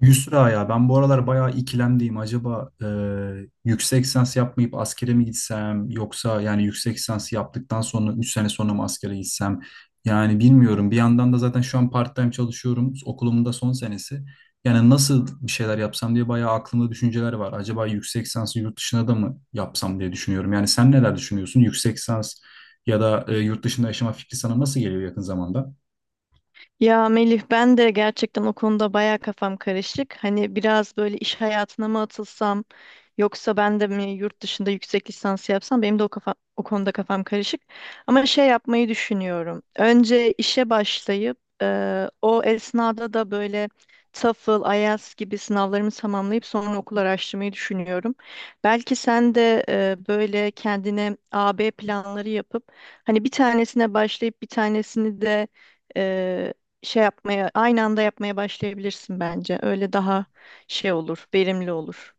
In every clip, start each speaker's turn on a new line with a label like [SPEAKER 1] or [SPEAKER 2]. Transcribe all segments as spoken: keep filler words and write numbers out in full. [SPEAKER 1] Yusra ya ben bu aralar bayağı ikilemdeyim. Acaba e, yüksek lisans yapmayıp askere mi gitsem yoksa yani yüksek lisans yaptıktan sonra üç sene sonra mı askere gitsem? Yani bilmiyorum. Bir yandan da zaten şu an part-time çalışıyorum. Okulumun da son senesi. Yani nasıl bir şeyler yapsam diye bayağı aklımda düşünceler var. Acaba yüksek lisansı yurt dışına da mı yapsam diye düşünüyorum. Yani sen neler düşünüyorsun? Yüksek lisans ya da e, yurt dışında yaşama fikri sana nasıl geliyor yakın zamanda?
[SPEAKER 2] Ya Melih ben de gerçekten o konuda baya kafam karışık. Hani biraz böyle iş hayatına mı atılsam yoksa ben de mi yurt dışında yüksek lisans yapsam benim de o kafa, o konuda kafam karışık. Ama şey yapmayı düşünüyorum. Önce işe başlayıp eee, o esnada da böyle TOEFL, IELTS gibi sınavlarımı tamamlayıp sonra okul araştırmayı düşünüyorum. Belki sen de eee, böyle kendine A B planları yapıp hani bir tanesine başlayıp bir tanesini de e, şey yapmaya, aynı anda yapmaya başlayabilirsin bence. Öyle daha şey olur, verimli olur.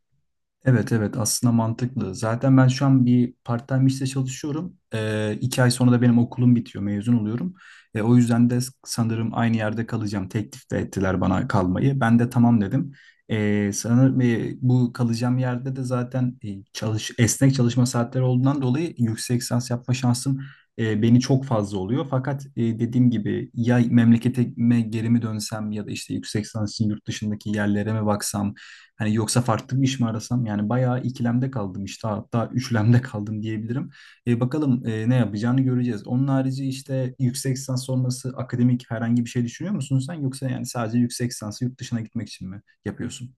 [SPEAKER 1] Evet evet, aslında mantıklı. Zaten ben şu an bir part-time işte çalışıyorum. Ee, iki ay sonra da benim okulum bitiyor, mezun oluyorum. E, o yüzden de sanırım aynı yerde kalacağım. Teklif de ettiler bana kalmayı. Ben de tamam dedim. Ee, sanırım e, bu kalacağım yerde de zaten e, çalış esnek çalışma saatleri olduğundan dolayı yüksek lisans yapma şansım e, beni çok fazla oluyor. Fakat e, dediğim gibi, ya memleketime geri mi dönsem ya da işte yüksek lisans için yurt dışındaki yerlere mi baksam, hani yoksa farklı bir iş mi arasam, yani bayağı ikilemde kaldım işte, hatta üçlemde kaldım diyebilirim. E, bakalım e, ne yapacağını göreceğiz. Onun harici işte yüksek lisans sonrası akademik herhangi bir şey düşünüyor musun sen, yoksa yani sadece yüksek lisansı yurt dışına gitmek için mi yapıyorsun?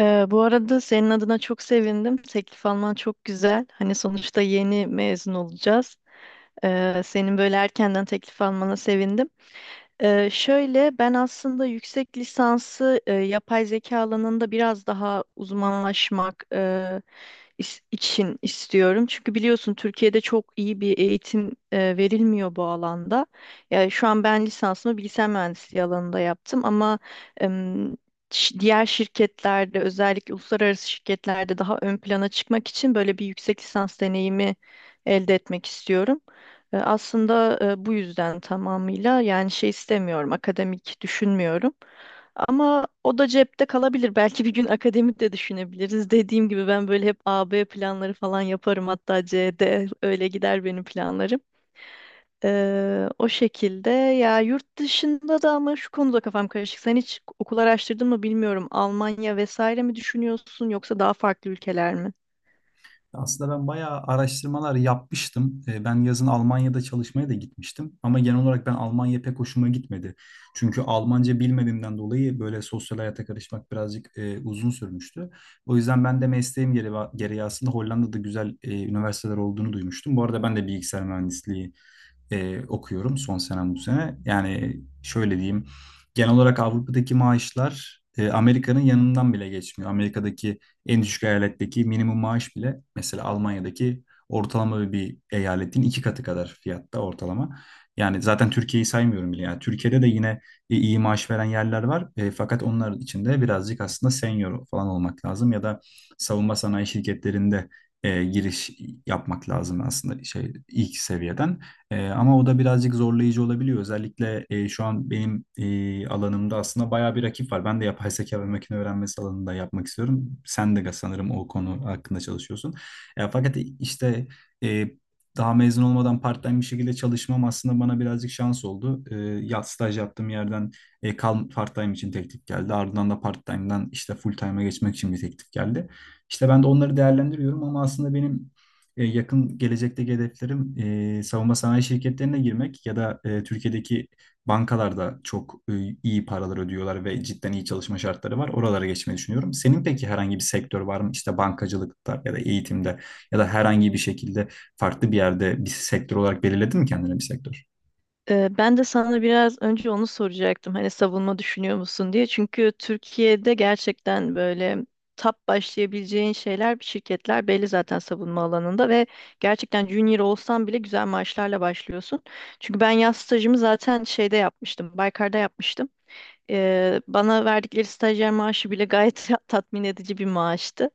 [SPEAKER 2] Ee, bu arada senin adına çok sevindim. Teklif alman çok güzel. Hani sonuçta yeni mezun olacağız. Ee, senin böyle erkenden teklif almana sevindim. Ee, şöyle ben aslında yüksek lisansı e, yapay zeka alanında biraz daha uzmanlaşmak e, is- için istiyorum. Çünkü biliyorsun Türkiye'de çok iyi bir eğitim e, verilmiyor bu alanda. Yani şu an ben lisansımı bilgisayar mühendisliği alanında yaptım ama em, ş- diğer şirketlerde özellikle uluslararası şirketlerde daha ön plana çıkmak için böyle bir yüksek lisans deneyimi elde etmek istiyorum. E, Aslında e, bu yüzden tamamıyla yani şey istemiyorum, akademik düşünmüyorum. Ama o da cepte kalabilir. Belki bir gün akademik de düşünebiliriz. Dediğim gibi ben böyle hep A B planları falan yaparım. Hatta C D öyle gider benim planlarım. E, o şekilde ya yurt dışında da ama şu konuda kafam karışık. Sen hiç okul araştırdın mı bilmiyorum. Almanya vesaire mi düşünüyorsun yoksa daha farklı ülkeler mi?
[SPEAKER 1] Aslında ben bayağı araştırmalar yapmıştım. E, Ben yazın Almanya'da çalışmaya da gitmiştim. Ama genel olarak ben Almanya pek hoşuma gitmedi. Çünkü Almanca bilmediğimden dolayı böyle sosyal hayata karışmak birazcık e, uzun sürmüştü. O yüzden ben de mesleğim gereği gereği aslında Hollanda'da güzel e, üniversiteler olduğunu duymuştum. Bu arada ben de bilgisayar mühendisliği e, okuyorum, son senem bu sene. Yani şöyle diyeyim, genel olarak Avrupa'daki maaşlar e, Amerika'nın yanından bile geçmiyor. Amerika'daki en düşük eyaletteki minimum maaş bile mesela Almanya'daki ortalama bir eyaletin iki katı kadar fiyatta ortalama. Yani zaten Türkiye'yi saymıyorum bile. Yani Türkiye'de de yine e, iyi maaş veren yerler var. E, fakat onlar için de birazcık aslında senior falan olmak lazım, ya da savunma sanayi şirketlerinde e, giriş yapmak lazım aslında, şey ilk seviyeden. Ee, ama o da birazcık zorlayıcı olabiliyor. Özellikle e, şu an benim e, alanımda aslında bayağı bir rakip var. Ben de yapay zeka ve makine öğrenmesi alanında yapmak istiyorum. Sen de sanırım o konu hakkında çalışıyorsun. E, fakat işte e, daha mezun olmadan part-time bir şekilde çalışmam aslında bana birazcık şans oldu. E, ya staj yaptığım yerden e, kal part-time için teklif geldi. Ardından da part-time'dan işte full-time'a geçmek için bir teklif geldi. İşte ben de onları değerlendiriyorum, ama aslında benim e, yakın gelecekteki hedeflerim e, savunma sanayi şirketlerine girmek ya da e, Türkiye'deki bankalarda çok e, iyi paralar ödüyorlar ve cidden iyi çalışma şartları var. Oralara geçmeyi düşünüyorum. Senin peki herhangi bir sektör var mı? İşte bankacılıkta ya da eğitimde ya da herhangi bir şekilde farklı bir yerde bir sektör olarak belirledin mi kendine bir sektör?
[SPEAKER 2] Ee, Ben de sana biraz önce onu soracaktım. Hani savunma düşünüyor musun diye. Çünkü Türkiye'de gerçekten böyle tap başlayabileceğin şeyler, şirketler belli zaten savunma alanında ve gerçekten junior olsan bile güzel maaşlarla başlıyorsun. Çünkü ben yaz stajımı zaten şeyde yapmıştım, Baykar'da yapmıştım. Ee, bana verdikleri stajyer maaşı bile gayet tatmin edici bir maaştı.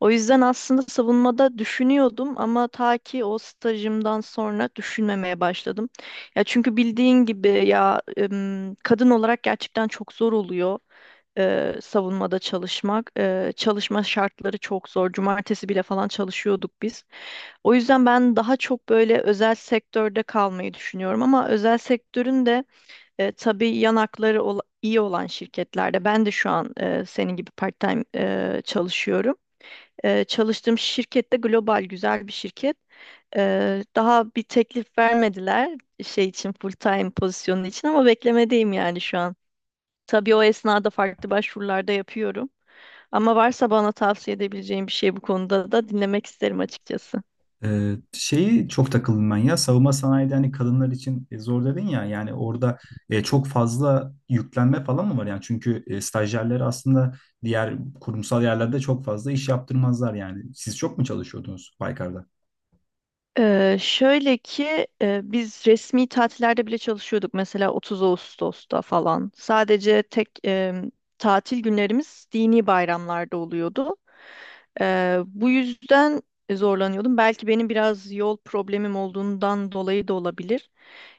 [SPEAKER 2] O yüzden aslında savunmada düşünüyordum ama ta ki o stajımdan sonra düşünmemeye başladım. Ya çünkü bildiğin gibi ya em, kadın olarak gerçekten çok zor oluyor e, savunmada çalışmak. E, çalışma şartları çok zor. Cumartesi bile falan çalışıyorduk biz. O yüzden ben daha çok böyle özel sektörde kalmayı düşünüyorum ama özel sektörün de e, tabii yanakları ola- iyi olan şirketlerde ben de şu an e, senin gibi part-time e, çalışıyorum. E, çalıştığım şirkette global güzel bir şirket. E, daha bir teklif vermediler şey için full-time pozisyonu için ama beklemedeyim yani şu an. Tabii o esnada farklı başvurularda yapıyorum. Ama varsa bana tavsiye edebileceğin bir şey bu konuda da dinlemek isterim açıkçası.
[SPEAKER 1] Ee, şeyi çok takıldım ben, ya savunma sanayide hani kadınlar için e, zor dedin ya, yani orada e, çok fazla yüklenme falan mı var, yani çünkü e, stajyerleri aslında diğer kurumsal yerlerde çok fazla iş yaptırmazlar, yani siz çok mu çalışıyordunuz Baykar'da?
[SPEAKER 2] Ee, şöyle ki e, biz resmi tatillerde bile çalışıyorduk mesela 30 Ağustos'ta falan. Sadece tek e, tatil günlerimiz dini bayramlarda oluyordu. Ee, bu yüzden zorlanıyordum. Belki benim biraz yol problemim olduğundan dolayı da olabilir.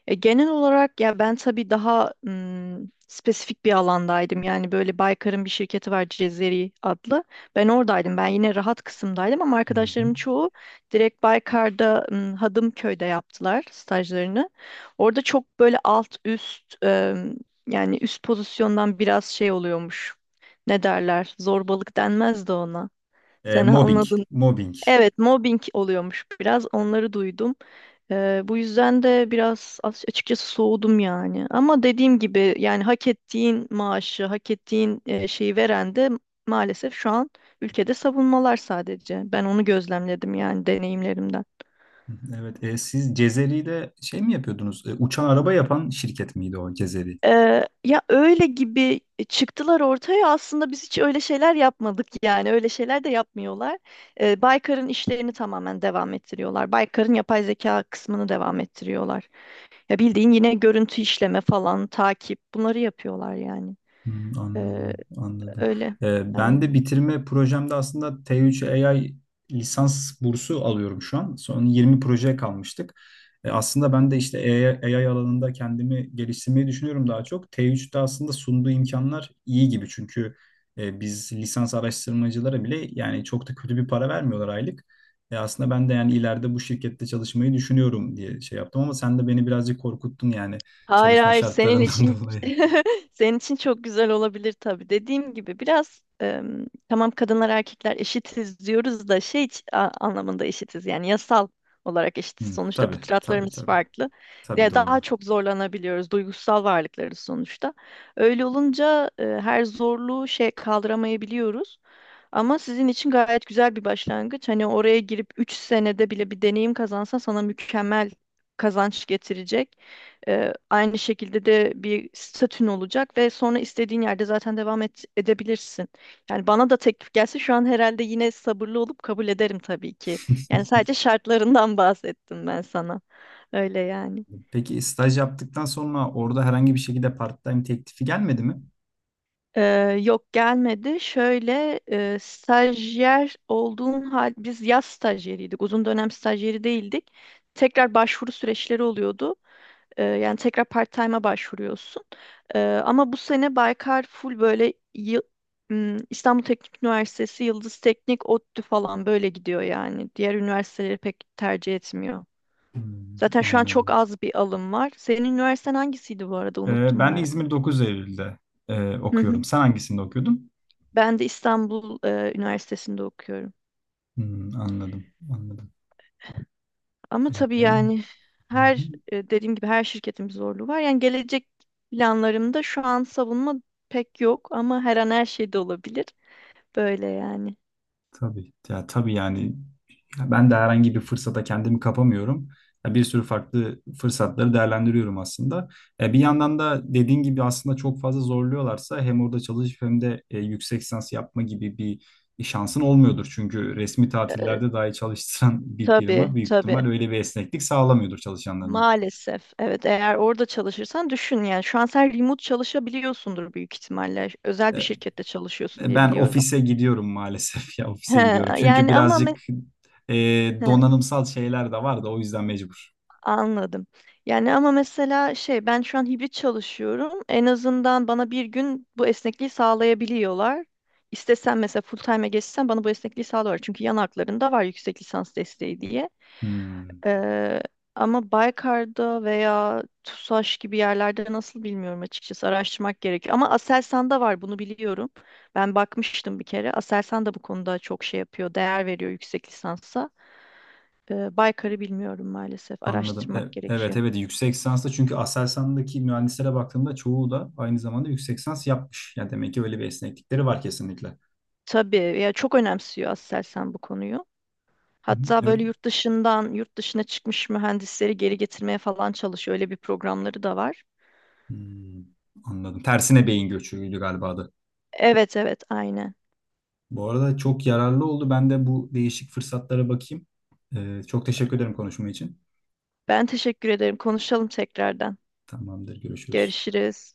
[SPEAKER 2] E, genel olarak ya ben tabii daha ım, spesifik bir alandaydım. Yani böyle Baykar'ın bir şirketi var, Cezeri adlı. Ben oradaydım. Ben yine rahat kısımdaydım ama
[SPEAKER 1] Hı hı.
[SPEAKER 2] arkadaşlarım çoğu direkt Baykar'da ım, Hadımköy'de yaptılar stajlarını. Orada çok böyle alt üst ım, yani üst pozisyondan biraz şey oluyormuş. Ne derler? Zorbalık denmez de ona.
[SPEAKER 1] E,
[SPEAKER 2] Sen
[SPEAKER 1] mobbing
[SPEAKER 2] anladın.
[SPEAKER 1] mobbing,
[SPEAKER 2] Evet, mobbing oluyormuş biraz. Onları duydum. Ee, bu yüzden de biraz as- açıkçası soğudum yani. Ama dediğim gibi yani hak ettiğin maaşı, hak ettiğin e, şeyi veren de maalesef şu an ülkede savunmalar sadece. Ben onu gözlemledim yani deneyimlerimden.
[SPEAKER 1] evet. E, siz Cezeri'de şey mi yapıyordunuz? E, uçan araba yapan şirket miydi o Cezeri?
[SPEAKER 2] Ee, ya öyle gibi çıktılar ortaya, aslında biz hiç öyle şeyler yapmadık yani öyle şeyler de yapmıyorlar. Ee, Baykar'ın işlerini tamamen devam ettiriyorlar. Baykar'ın yapay zeka kısmını devam ettiriyorlar. Ya bildiğin yine görüntü işleme falan, takip, bunları yapıyorlar yani.
[SPEAKER 1] Hmm,
[SPEAKER 2] Ee,
[SPEAKER 1] anladım, anladım.
[SPEAKER 2] Öyle.
[SPEAKER 1] Ee, ben de
[SPEAKER 2] Aynen.
[SPEAKER 1] bitirme projemde aslında te üç a i lisans bursu alıyorum şu an. Son yirmi projeye kalmıştık. Ee, aslında ben de işte a i, AI alanında kendimi geliştirmeyi düşünüyorum daha çok. te üçte aslında sunduğu imkanlar iyi gibi, çünkü e, biz lisans araştırmacılara bile yani çok da kötü bir para vermiyorlar aylık. E, aslında ben de yani ileride bu şirkette çalışmayı düşünüyorum diye şey yaptım, ama sen de beni birazcık korkuttun yani,
[SPEAKER 2] Hayır
[SPEAKER 1] çalışma
[SPEAKER 2] hayır, senin
[SPEAKER 1] şartlarından
[SPEAKER 2] için
[SPEAKER 1] dolayı.
[SPEAKER 2] senin için çok güzel olabilir tabii. Dediğim gibi biraz em, tamam kadınlar erkekler eşitiz diyoruz da şey iç- a- anlamında eşitiz, yani yasal olarak eşitiz.
[SPEAKER 1] Hı,
[SPEAKER 2] Sonuçta
[SPEAKER 1] tabii, tabii,
[SPEAKER 2] fıtratlarımız
[SPEAKER 1] tabii.
[SPEAKER 2] farklı.
[SPEAKER 1] Tabii
[SPEAKER 2] Ya daha
[SPEAKER 1] doğru.
[SPEAKER 2] çok zorlanabiliyoruz, duygusal varlıklarız sonuçta. Öyle olunca e, her zorluğu şey kaldıramayabiliyoruz. Ama sizin için gayet güzel bir başlangıç. Hani oraya girip üç senede bile bir deneyim kazansan sana mükemmel kazanç getirecek. Ee, aynı şekilde de bir statün olacak ve sonra istediğin yerde zaten devam et, edebilirsin. Yani bana da teklif gelse şu an herhalde yine sabırlı olup kabul ederim tabii ki. Yani sadece şartlarından bahsettim ben sana. Öyle yani.
[SPEAKER 1] Peki staj yaptıktan sonra orada herhangi bir şekilde part-time teklifi gelmedi mi?
[SPEAKER 2] Ee, Yok, gelmedi. Şöyle, e, stajyer olduğun hal, biz yaz stajyeriydik. Uzun dönem stajyeri değildik. Tekrar başvuru süreçleri oluyordu. Ee, yani tekrar part-time'a başvuruyorsun. Ee, Ama bu sene Baykar full böyle yı- m, İstanbul Teknik Üniversitesi, Yıldız Teknik, ODTÜ falan böyle gidiyor yani. Diğer üniversiteleri pek tercih etmiyor.
[SPEAKER 1] Hmm,
[SPEAKER 2] Zaten şu an çok
[SPEAKER 1] anladım.
[SPEAKER 2] az bir alım var. Senin üniversiten hangisiydi bu arada?
[SPEAKER 1] Ee,
[SPEAKER 2] Unuttum
[SPEAKER 1] ben
[SPEAKER 2] ben.
[SPEAKER 1] İzmir dokuz Eylül'de e, okuyorum. Sen hangisinde okuyordun?
[SPEAKER 2] Ben de İstanbul e, Üniversitesi'nde okuyorum.
[SPEAKER 1] Hmm, anladım, anladım.
[SPEAKER 2] Ama
[SPEAKER 1] Ee,
[SPEAKER 2] tabii
[SPEAKER 1] ya,
[SPEAKER 2] yani
[SPEAKER 1] hı hı.
[SPEAKER 2] her e, dediğim gibi her şirketin bir zorluğu var. Yani gelecek planlarımda şu an savunma pek yok ama her an her şey de olabilir. Böyle yani.
[SPEAKER 1] Tabii. Ya, tabii yani, ya ben de herhangi bir fırsata kendimi kapamıyorum. Ya, bir sürü farklı fırsatları değerlendiriyorum aslında. E, bir yandan da dediğin gibi aslında çok fazla zorluyorlarsa hem orada çalışıp hem de e, yüksek lisans yapma gibi bir şansın olmuyordur. Çünkü resmi
[SPEAKER 2] E,
[SPEAKER 1] tatillerde dahi çalıştıran bir firma
[SPEAKER 2] tabii,
[SPEAKER 1] büyük ihtimal
[SPEAKER 2] tabii.
[SPEAKER 1] öyle bir esneklik sağlamıyordur çalışanlarına.
[SPEAKER 2] Maalesef. Evet, eğer orada çalışırsan düşün yani şu an sen remote çalışabiliyorsundur büyük ihtimalle. Özel bir
[SPEAKER 1] E,
[SPEAKER 2] şirkette çalışıyorsun diye
[SPEAKER 1] Ben
[SPEAKER 2] biliyorum.
[SPEAKER 1] ofise gidiyorum maalesef, ya
[SPEAKER 2] He,
[SPEAKER 1] ofise gidiyorum. Çünkü
[SPEAKER 2] yani ama me-
[SPEAKER 1] birazcık e,
[SPEAKER 2] he.
[SPEAKER 1] donanımsal şeyler de var da, o yüzden mecbur.
[SPEAKER 2] Anladım. Yani ama mesela şey, ben şu an hibrit çalışıyorum. En azından bana bir gün bu esnekliği sağlayabiliyorlar. İstesem mesela full time'e geçsem bana bu esnekliği sağlıyorlar. Çünkü yan haklarında var yüksek lisans desteği diye.
[SPEAKER 1] Hmm,
[SPEAKER 2] Ee, Ama Baykar'da veya TUSAŞ gibi yerlerde nasıl bilmiyorum açıkçası. Araştırmak gerekiyor. Ama Aselsan'da var, bunu biliyorum. Ben bakmıştım bir kere. Aselsan da bu konuda çok şey yapıyor. Değer veriyor yüksek lisansa. Ee, Baykar'ı bilmiyorum maalesef.
[SPEAKER 1] anladım. E-
[SPEAKER 2] Araştırmak
[SPEAKER 1] evet
[SPEAKER 2] gerekiyor.
[SPEAKER 1] evet, yüksek lisansta çünkü Aselsan'daki mühendislere baktığımda çoğu da aynı zamanda yüksek lisans yapmış. Yani demek ki öyle bir esneklikleri var kesinlikle. Hı
[SPEAKER 2] Tabii ya, çok önemsiyor Aselsan bu konuyu.
[SPEAKER 1] hı,
[SPEAKER 2] Hatta
[SPEAKER 1] evet.
[SPEAKER 2] böyle yurt dışından, yurt dışına çıkmış mühendisleri geri getirmeye falan çalışıyor. Öyle bir programları da var.
[SPEAKER 1] Hmm, anladım. Tersine beyin göçüydü galiba adı.
[SPEAKER 2] Evet evet, aynen.
[SPEAKER 1] Bu arada çok yararlı oldu. Ben de bu değişik fırsatlara bakayım. Ee, çok teşekkür ederim konuşma için.
[SPEAKER 2] Ben teşekkür ederim. Konuşalım tekrardan.
[SPEAKER 1] Tamamdır, görüşürüz.
[SPEAKER 2] Görüşürüz.